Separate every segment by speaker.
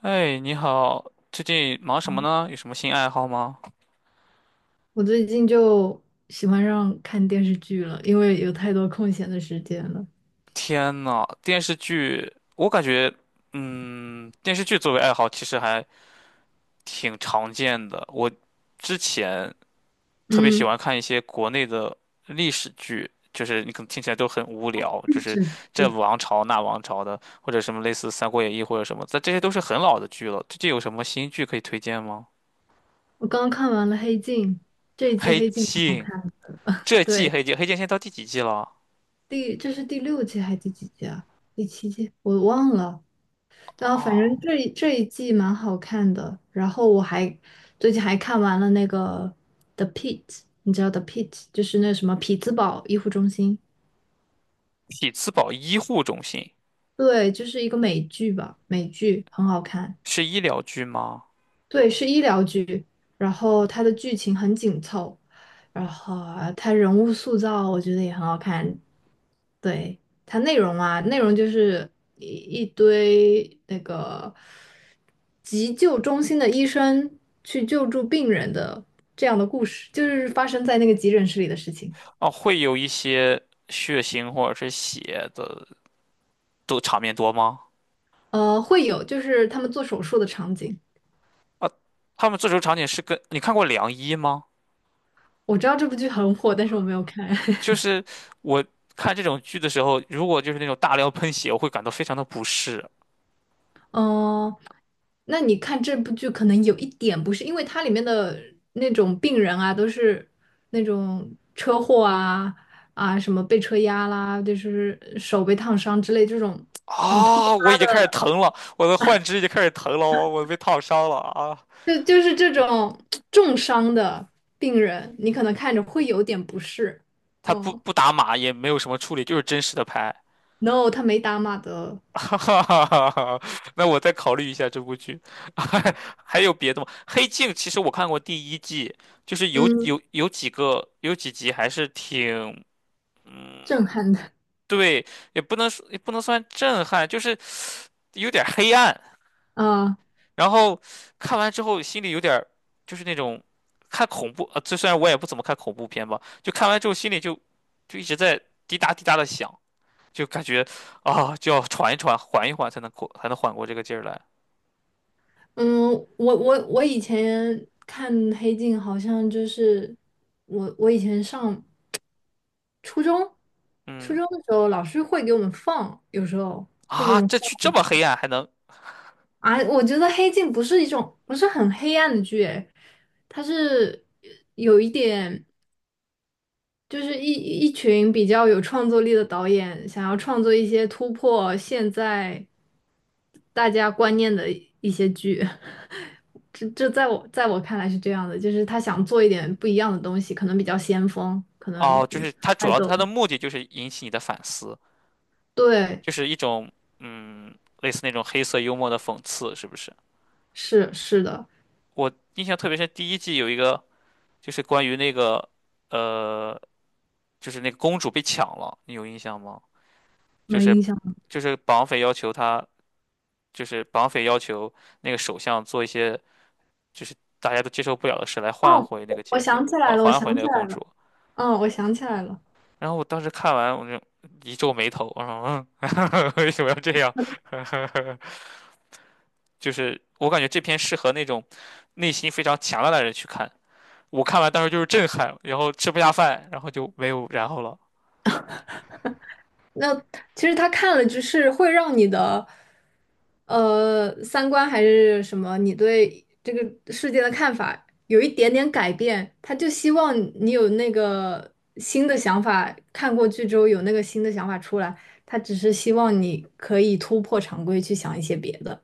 Speaker 1: 哎，你好，最近忙什么呢？有什么新爱好吗？
Speaker 2: 我最近就喜欢上看电视剧了，因为有太多空闲的时间了。
Speaker 1: 天呐，电视剧，我感觉，电视剧作为爱好其实还挺常见的。我之前特别喜
Speaker 2: 嗯，
Speaker 1: 欢看一些国内的历史剧，就是你可能听起来都很无聊，就是
Speaker 2: 是，
Speaker 1: 这王朝那王朝的，或者什么类似《三国演义》或者什么，但这些都是很老的剧了。最近有什么新剧可以推荐吗？
Speaker 2: 我刚看完了《黑镜》，这一季
Speaker 1: 黑
Speaker 2: 《黑镜》蛮好
Speaker 1: 镜，
Speaker 2: 看。
Speaker 1: 这季
Speaker 2: 对，
Speaker 1: 黑镜，黑镜现在到第几季了？
Speaker 2: 这是第六季还是第几季啊？第七季我忘了。然后反正
Speaker 1: 哦。
Speaker 2: 这一季蛮好看的。然后我还最近还看完了那个《The p i t》， 你知道《The Pitt》就是那什么匹兹堡医护中心？
Speaker 1: 匹兹堡医护中心
Speaker 2: 对，就是一个美剧吧，美剧很好看。
Speaker 1: 是医疗剧吗？
Speaker 2: 对，是医疗剧，然后它的剧情很紧凑，然后它人物塑造我觉得也很好看。对，它内容啊，内容就是一堆那个急救中心的医生去救助病人的这样的故事，就是发生在那个急诊室里的事情。
Speaker 1: 哦，会有一些血腥或者是血的都场面多吗？
Speaker 2: 会有就是他们做手术的场景。
Speaker 1: 啊，他们这种场景是跟你看过《良医》吗？
Speaker 2: 我知道这部剧很火，但是我没有看。
Speaker 1: 就 是我看这种剧的时候，如果就是那种大量喷血，我会感到非常的不适。
Speaker 2: 嗯、那你看这部剧，可能有一点不是，因为它里面的那种病人啊，都是那种车祸啊啊，什么被车压啦，就是手被烫伤之类这种很突，
Speaker 1: 啊，我已经开始疼了，我的幻肢已经开始疼了，我被烫伤了啊！
Speaker 2: 就是这种重伤的病人，你可能看着会有点不适。
Speaker 1: 他不
Speaker 2: 哦
Speaker 1: 不打码，也没有什么处理，就是真实的拍。
Speaker 2: ，no，他没打码的。
Speaker 1: 哈哈哈哈，那我再考虑一下这部剧，还有别的吗？《黑镜》其实我看过第一季，就是有
Speaker 2: 嗯，
Speaker 1: 有有几个有几集还是挺，嗯，
Speaker 2: 震撼的
Speaker 1: 对，也不能说也不能算震撼，就是有点儿黑暗。
Speaker 2: 啊。
Speaker 1: 然后看完之后心里有点儿就是那种看恐怖，啊，这虽然我也不怎么看恐怖片吧，就看完之后心里就一直在滴答滴答的响，就感觉啊，就要喘一喘，缓一缓才能过才能缓过这个劲儿来。
Speaker 2: 嗯，我以前看《黑镜》，好像就是我以前上初中，初
Speaker 1: 嗯。
Speaker 2: 中的时候老师会给我们放，有时候会给我
Speaker 1: 啊，
Speaker 2: 们
Speaker 1: 这
Speaker 2: 放
Speaker 1: 去这么黑暗还能
Speaker 2: 啊。我觉得《黑镜》不是一种不是很黑暗的剧，诶，它是有一点就是一群比较有创作力的导演想要创作一些突破现在大家观念的一些剧。这在我看来是这样的，就是他想做一点不一样的东西，可能比较先锋，可能
Speaker 1: 哦，就
Speaker 2: 你
Speaker 1: 是它主
Speaker 2: 爱
Speaker 1: 要
Speaker 2: 豆
Speaker 1: 它的目的就是引起你的反思，
Speaker 2: 对，
Speaker 1: 就是一种嗯，类似那种黑色幽默的讽刺，是不是？
Speaker 2: 是是的。
Speaker 1: 我印象特别深，第一季有一个就是关于那个呃，就是那个公主被抢了，你有印象吗？就
Speaker 2: 没
Speaker 1: 是
Speaker 2: 印象。
Speaker 1: 绑匪要求他，就是绑匪要求那个首相做一些就是大家都接受不了的事来换
Speaker 2: 哦，
Speaker 1: 回那个
Speaker 2: 我
Speaker 1: 劫匪，
Speaker 2: 想起
Speaker 1: 还
Speaker 2: 来了，我
Speaker 1: 还回
Speaker 2: 想
Speaker 1: 那
Speaker 2: 起
Speaker 1: 个
Speaker 2: 来
Speaker 1: 公
Speaker 2: 了，
Speaker 1: 主。
Speaker 2: 嗯，我想起来了。
Speaker 1: 然后我当时看完，我就一皱眉头，我说嗯，为什么要这样？就是我感觉这篇适合那种内心非常强大的人去看。我看完当时就是震撼，然后吃不下饭，然后就没有然后了。
Speaker 2: 那其实他看了，就是会让你的，三观还是什么，你对这个世界的看法有一点点改变。他就希望你有那个新的想法，看过剧之后有那个新的想法出来。他只是希望你可以突破常规，去想一些别的，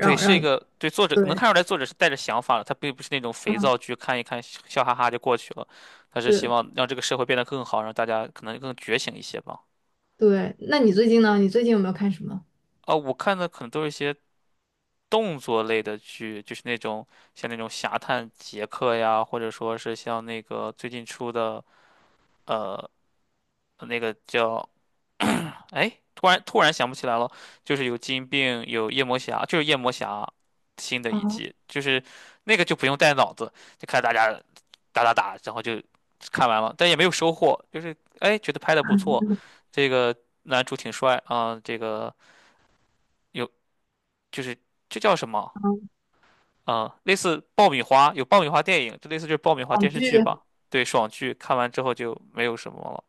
Speaker 1: 对，是一
Speaker 2: 让你
Speaker 1: 个对作者
Speaker 2: 对，
Speaker 1: 能看出来，作者是带着想法的，他并不是那种肥
Speaker 2: 嗯，
Speaker 1: 皂剧，看一看笑笑哈哈就过去了。他是希
Speaker 2: 是，
Speaker 1: 望让这个社会变得更好，让大家可能更觉醒一些吧。
Speaker 2: 对。那你最近呢？你最近有没有看什么？
Speaker 1: 啊，我看的可能都是一些动作类的剧，就是那种像那种《侠探杰克》呀，或者说是像那个最近出的呃那个叫哎，突然想不起来了，就是有金并，有夜魔侠，就是夜魔侠新的一
Speaker 2: 啊，
Speaker 1: 季，就是那个就不用带脑子，就看大家打打打，然后就看完了，但也没有收获，就是哎觉得拍的不错，这个男主挺帅啊，这个有就是这叫什么？啊、类似爆米花，有爆米花电影，就类似就是爆米花
Speaker 2: 网
Speaker 1: 电视
Speaker 2: 剧。
Speaker 1: 剧吧。对，爽剧看完之后就没有什么了。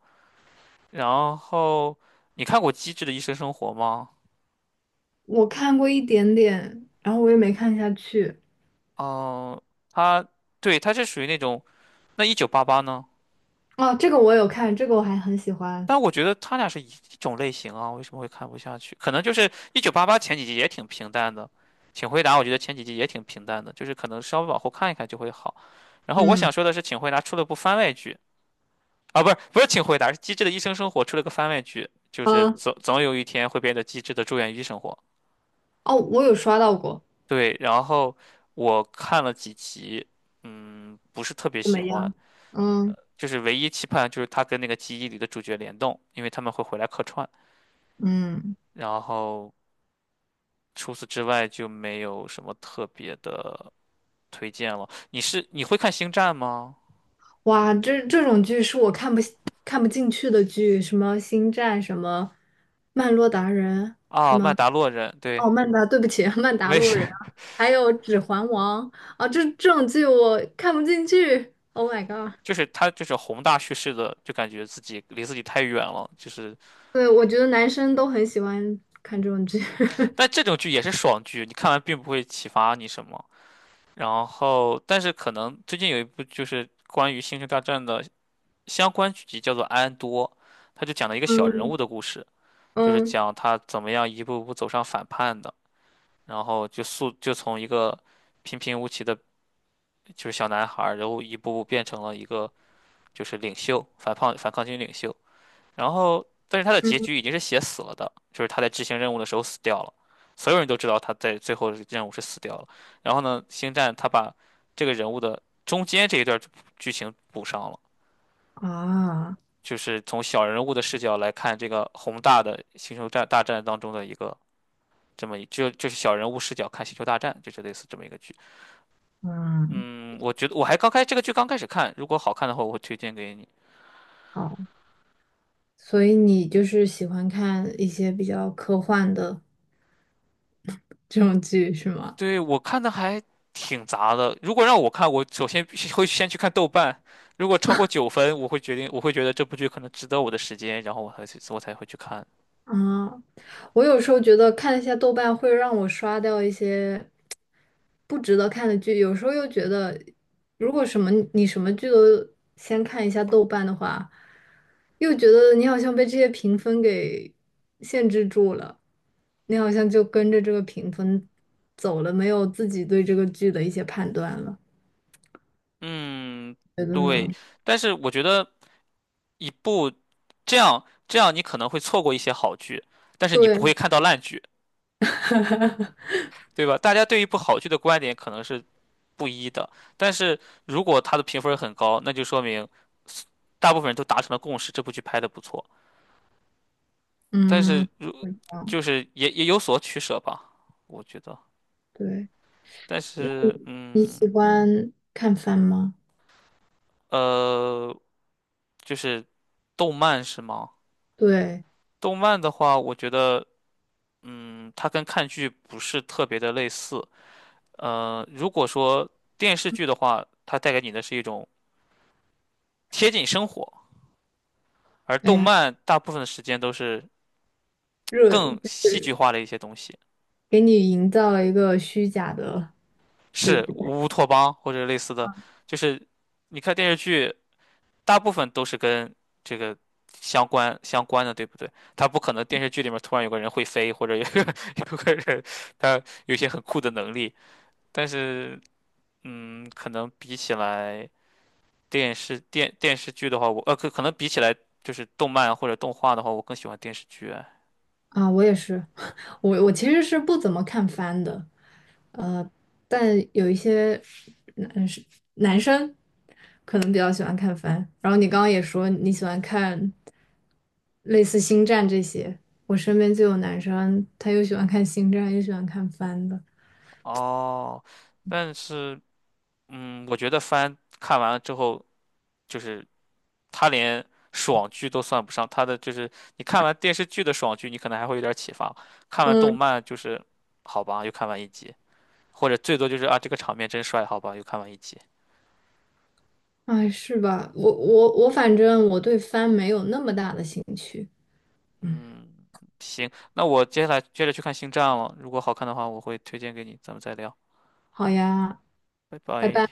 Speaker 1: 然后你看过《机智的医生生活》吗？
Speaker 2: 我看过一点点，然后我也没看下去。
Speaker 1: 嗯、它对它是属于那种那一九八八呢？
Speaker 2: 哦，这个我有看，这个我还很喜欢。
Speaker 1: 但我觉得他俩是一种类型啊，为什么会看不下去？可能就是一九八八前几集也挺平淡的，请回答我觉得前几集也挺平淡的，就是可能稍微往后看一看就会好。然后我
Speaker 2: 嗯，
Speaker 1: 想说的是，请回答出了部番外剧，啊，不是，请回答，是《机智的医生生活》出了个番外剧，就是
Speaker 2: 啊，
Speaker 1: 总有一天会变得机智的住院医生活。
Speaker 2: 哦，我有刷到过，
Speaker 1: 对，然后我看了几集，嗯，不是特别
Speaker 2: 怎
Speaker 1: 喜
Speaker 2: 么
Speaker 1: 欢，
Speaker 2: 样？嗯。
Speaker 1: 就是唯一期盼就是他跟那个记忆里的主角联动，因为他们会回来客串。
Speaker 2: 嗯，
Speaker 1: 然后除此之外就没有什么特别的推荐了。你是你会看《星战》吗？
Speaker 2: 哇，这这种剧是我看不进去的剧，什么《星战》，什么《曼洛达人》，什
Speaker 1: 啊，曼
Speaker 2: 么
Speaker 1: 达洛人，对，
Speaker 2: 哦，曼达，对不起，曼达
Speaker 1: 没
Speaker 2: 洛
Speaker 1: 事。
Speaker 2: 人，还有《指环王》啊，这这种剧我看不进去。Oh my god！
Speaker 1: 就是他就是宏大叙事的，就感觉自己离自己太远了，就是
Speaker 2: 对，我觉得男生都很喜欢看这种剧。
Speaker 1: 但 这种剧也是爽剧，你看完并不会启发你什么。然后，但是可能最近有一部就是关于星球大战的相关剧集，叫做《安多》，他就讲了一个小人
Speaker 2: 嗯，
Speaker 1: 物的故事，就是
Speaker 2: 嗯，
Speaker 1: 讲他怎么样一步步走上反叛的，然后就速就从一个平平无奇的就是小男孩儿，然后一步步变成了一个就是领袖，反抗军领袖。然后，但是他的结局已经是写死了的，就是他在执行任务的时候死掉了，所有人都知道他在最后的任务是死掉了。然后呢，星战他把这个人物的中间这一段剧情补上了，
Speaker 2: 啊，
Speaker 1: 就是从小人物的视角来看这个宏大的星球战大战当中的一个这么一就就是小人物视角看星球大战，就是类似这么一个剧。
Speaker 2: 嗯，
Speaker 1: 嗯，我觉得我还刚开这个剧刚开始看，如果好看的话，我会推荐给你。
Speaker 2: 好，所以你就是喜欢看一些比较科幻的这种剧是吗？
Speaker 1: 对，我看的还挺杂的。如果让我看，我首先必须会先去看豆瓣，如果超过9分，我会决定，我会觉得这部剧可能值得我的时间，然后我才去，我才会去看。
Speaker 2: 啊，我有时候觉得看一下豆瓣会让我刷掉一些不值得看的剧，有时候又觉得，如果什么你什么剧都先看一下豆瓣的话，又觉得你好像被这些评分给限制住了，你好像就跟着这个评分走了，没有自己对这个剧的一些判断了。
Speaker 1: 嗯，
Speaker 2: 觉得呢？
Speaker 1: 对。但是我觉得一部这样这样，你可能会错过一些好剧，但是你不会
Speaker 2: 对，
Speaker 1: 看到烂剧，对吧？大家对一部好剧的观点可能是不一的，但是如果它的评分很高，那就说明大部分人都达成了共识，这部剧拍的不错。但
Speaker 2: 嗯，
Speaker 1: 是如
Speaker 2: 是这样
Speaker 1: 就是也也有所取舍吧，我觉得。
Speaker 2: 对。
Speaker 1: 但
Speaker 2: 那
Speaker 1: 是，
Speaker 2: 你你
Speaker 1: 嗯，
Speaker 2: 喜欢看番吗？
Speaker 1: 呃，就是动漫是吗？
Speaker 2: 对，
Speaker 1: 动漫的话，我觉得，嗯，它跟看剧不是特别的类似。如果说电视剧的话，它带给你的是一种贴近生活，而
Speaker 2: 哎
Speaker 1: 动
Speaker 2: 呀，
Speaker 1: 漫大部分的时间都是
Speaker 2: 热，
Speaker 1: 更戏剧化的一些东西，
Speaker 2: 给你营造了一个虚假的世
Speaker 1: 是
Speaker 2: 界
Speaker 1: 乌托邦或者类似的，就是你看电视剧。大部分都是跟这个相关的，对不对？他不可能电视剧里面突然有个人会飞，或者有个 有个人他有一些很酷的能力，但是嗯，可能比起来电视电视剧的话，我可可能比起来就是动漫或者动画的话，我更喜欢电视剧啊。
Speaker 2: 啊！我也是，我其实是不怎么看番的，但有一些男生男生可能比较喜欢看番。然后你刚刚也说你喜欢看类似星战这些，我身边就有男生，他又喜欢看星战，又喜欢看番的。
Speaker 1: 哦，但是嗯，我觉得番看完了之后，就是他连爽剧都算不上，他的就是你看完电视剧的爽剧，你可能还会有点启发，看完动
Speaker 2: 嗯。
Speaker 1: 漫就是好吧，又看完一集，或者最多就是啊这个场面真帅，好吧，又看完一集。
Speaker 2: 哎，是吧？我，反正我对帆没有那么大的兴趣。嗯，
Speaker 1: 嗯，行，那我接下来接着去看《星战》了，如果好看的话，我会推荐给你，咱们再聊，
Speaker 2: 好呀，
Speaker 1: 拜
Speaker 2: 拜
Speaker 1: 拜。
Speaker 2: 拜。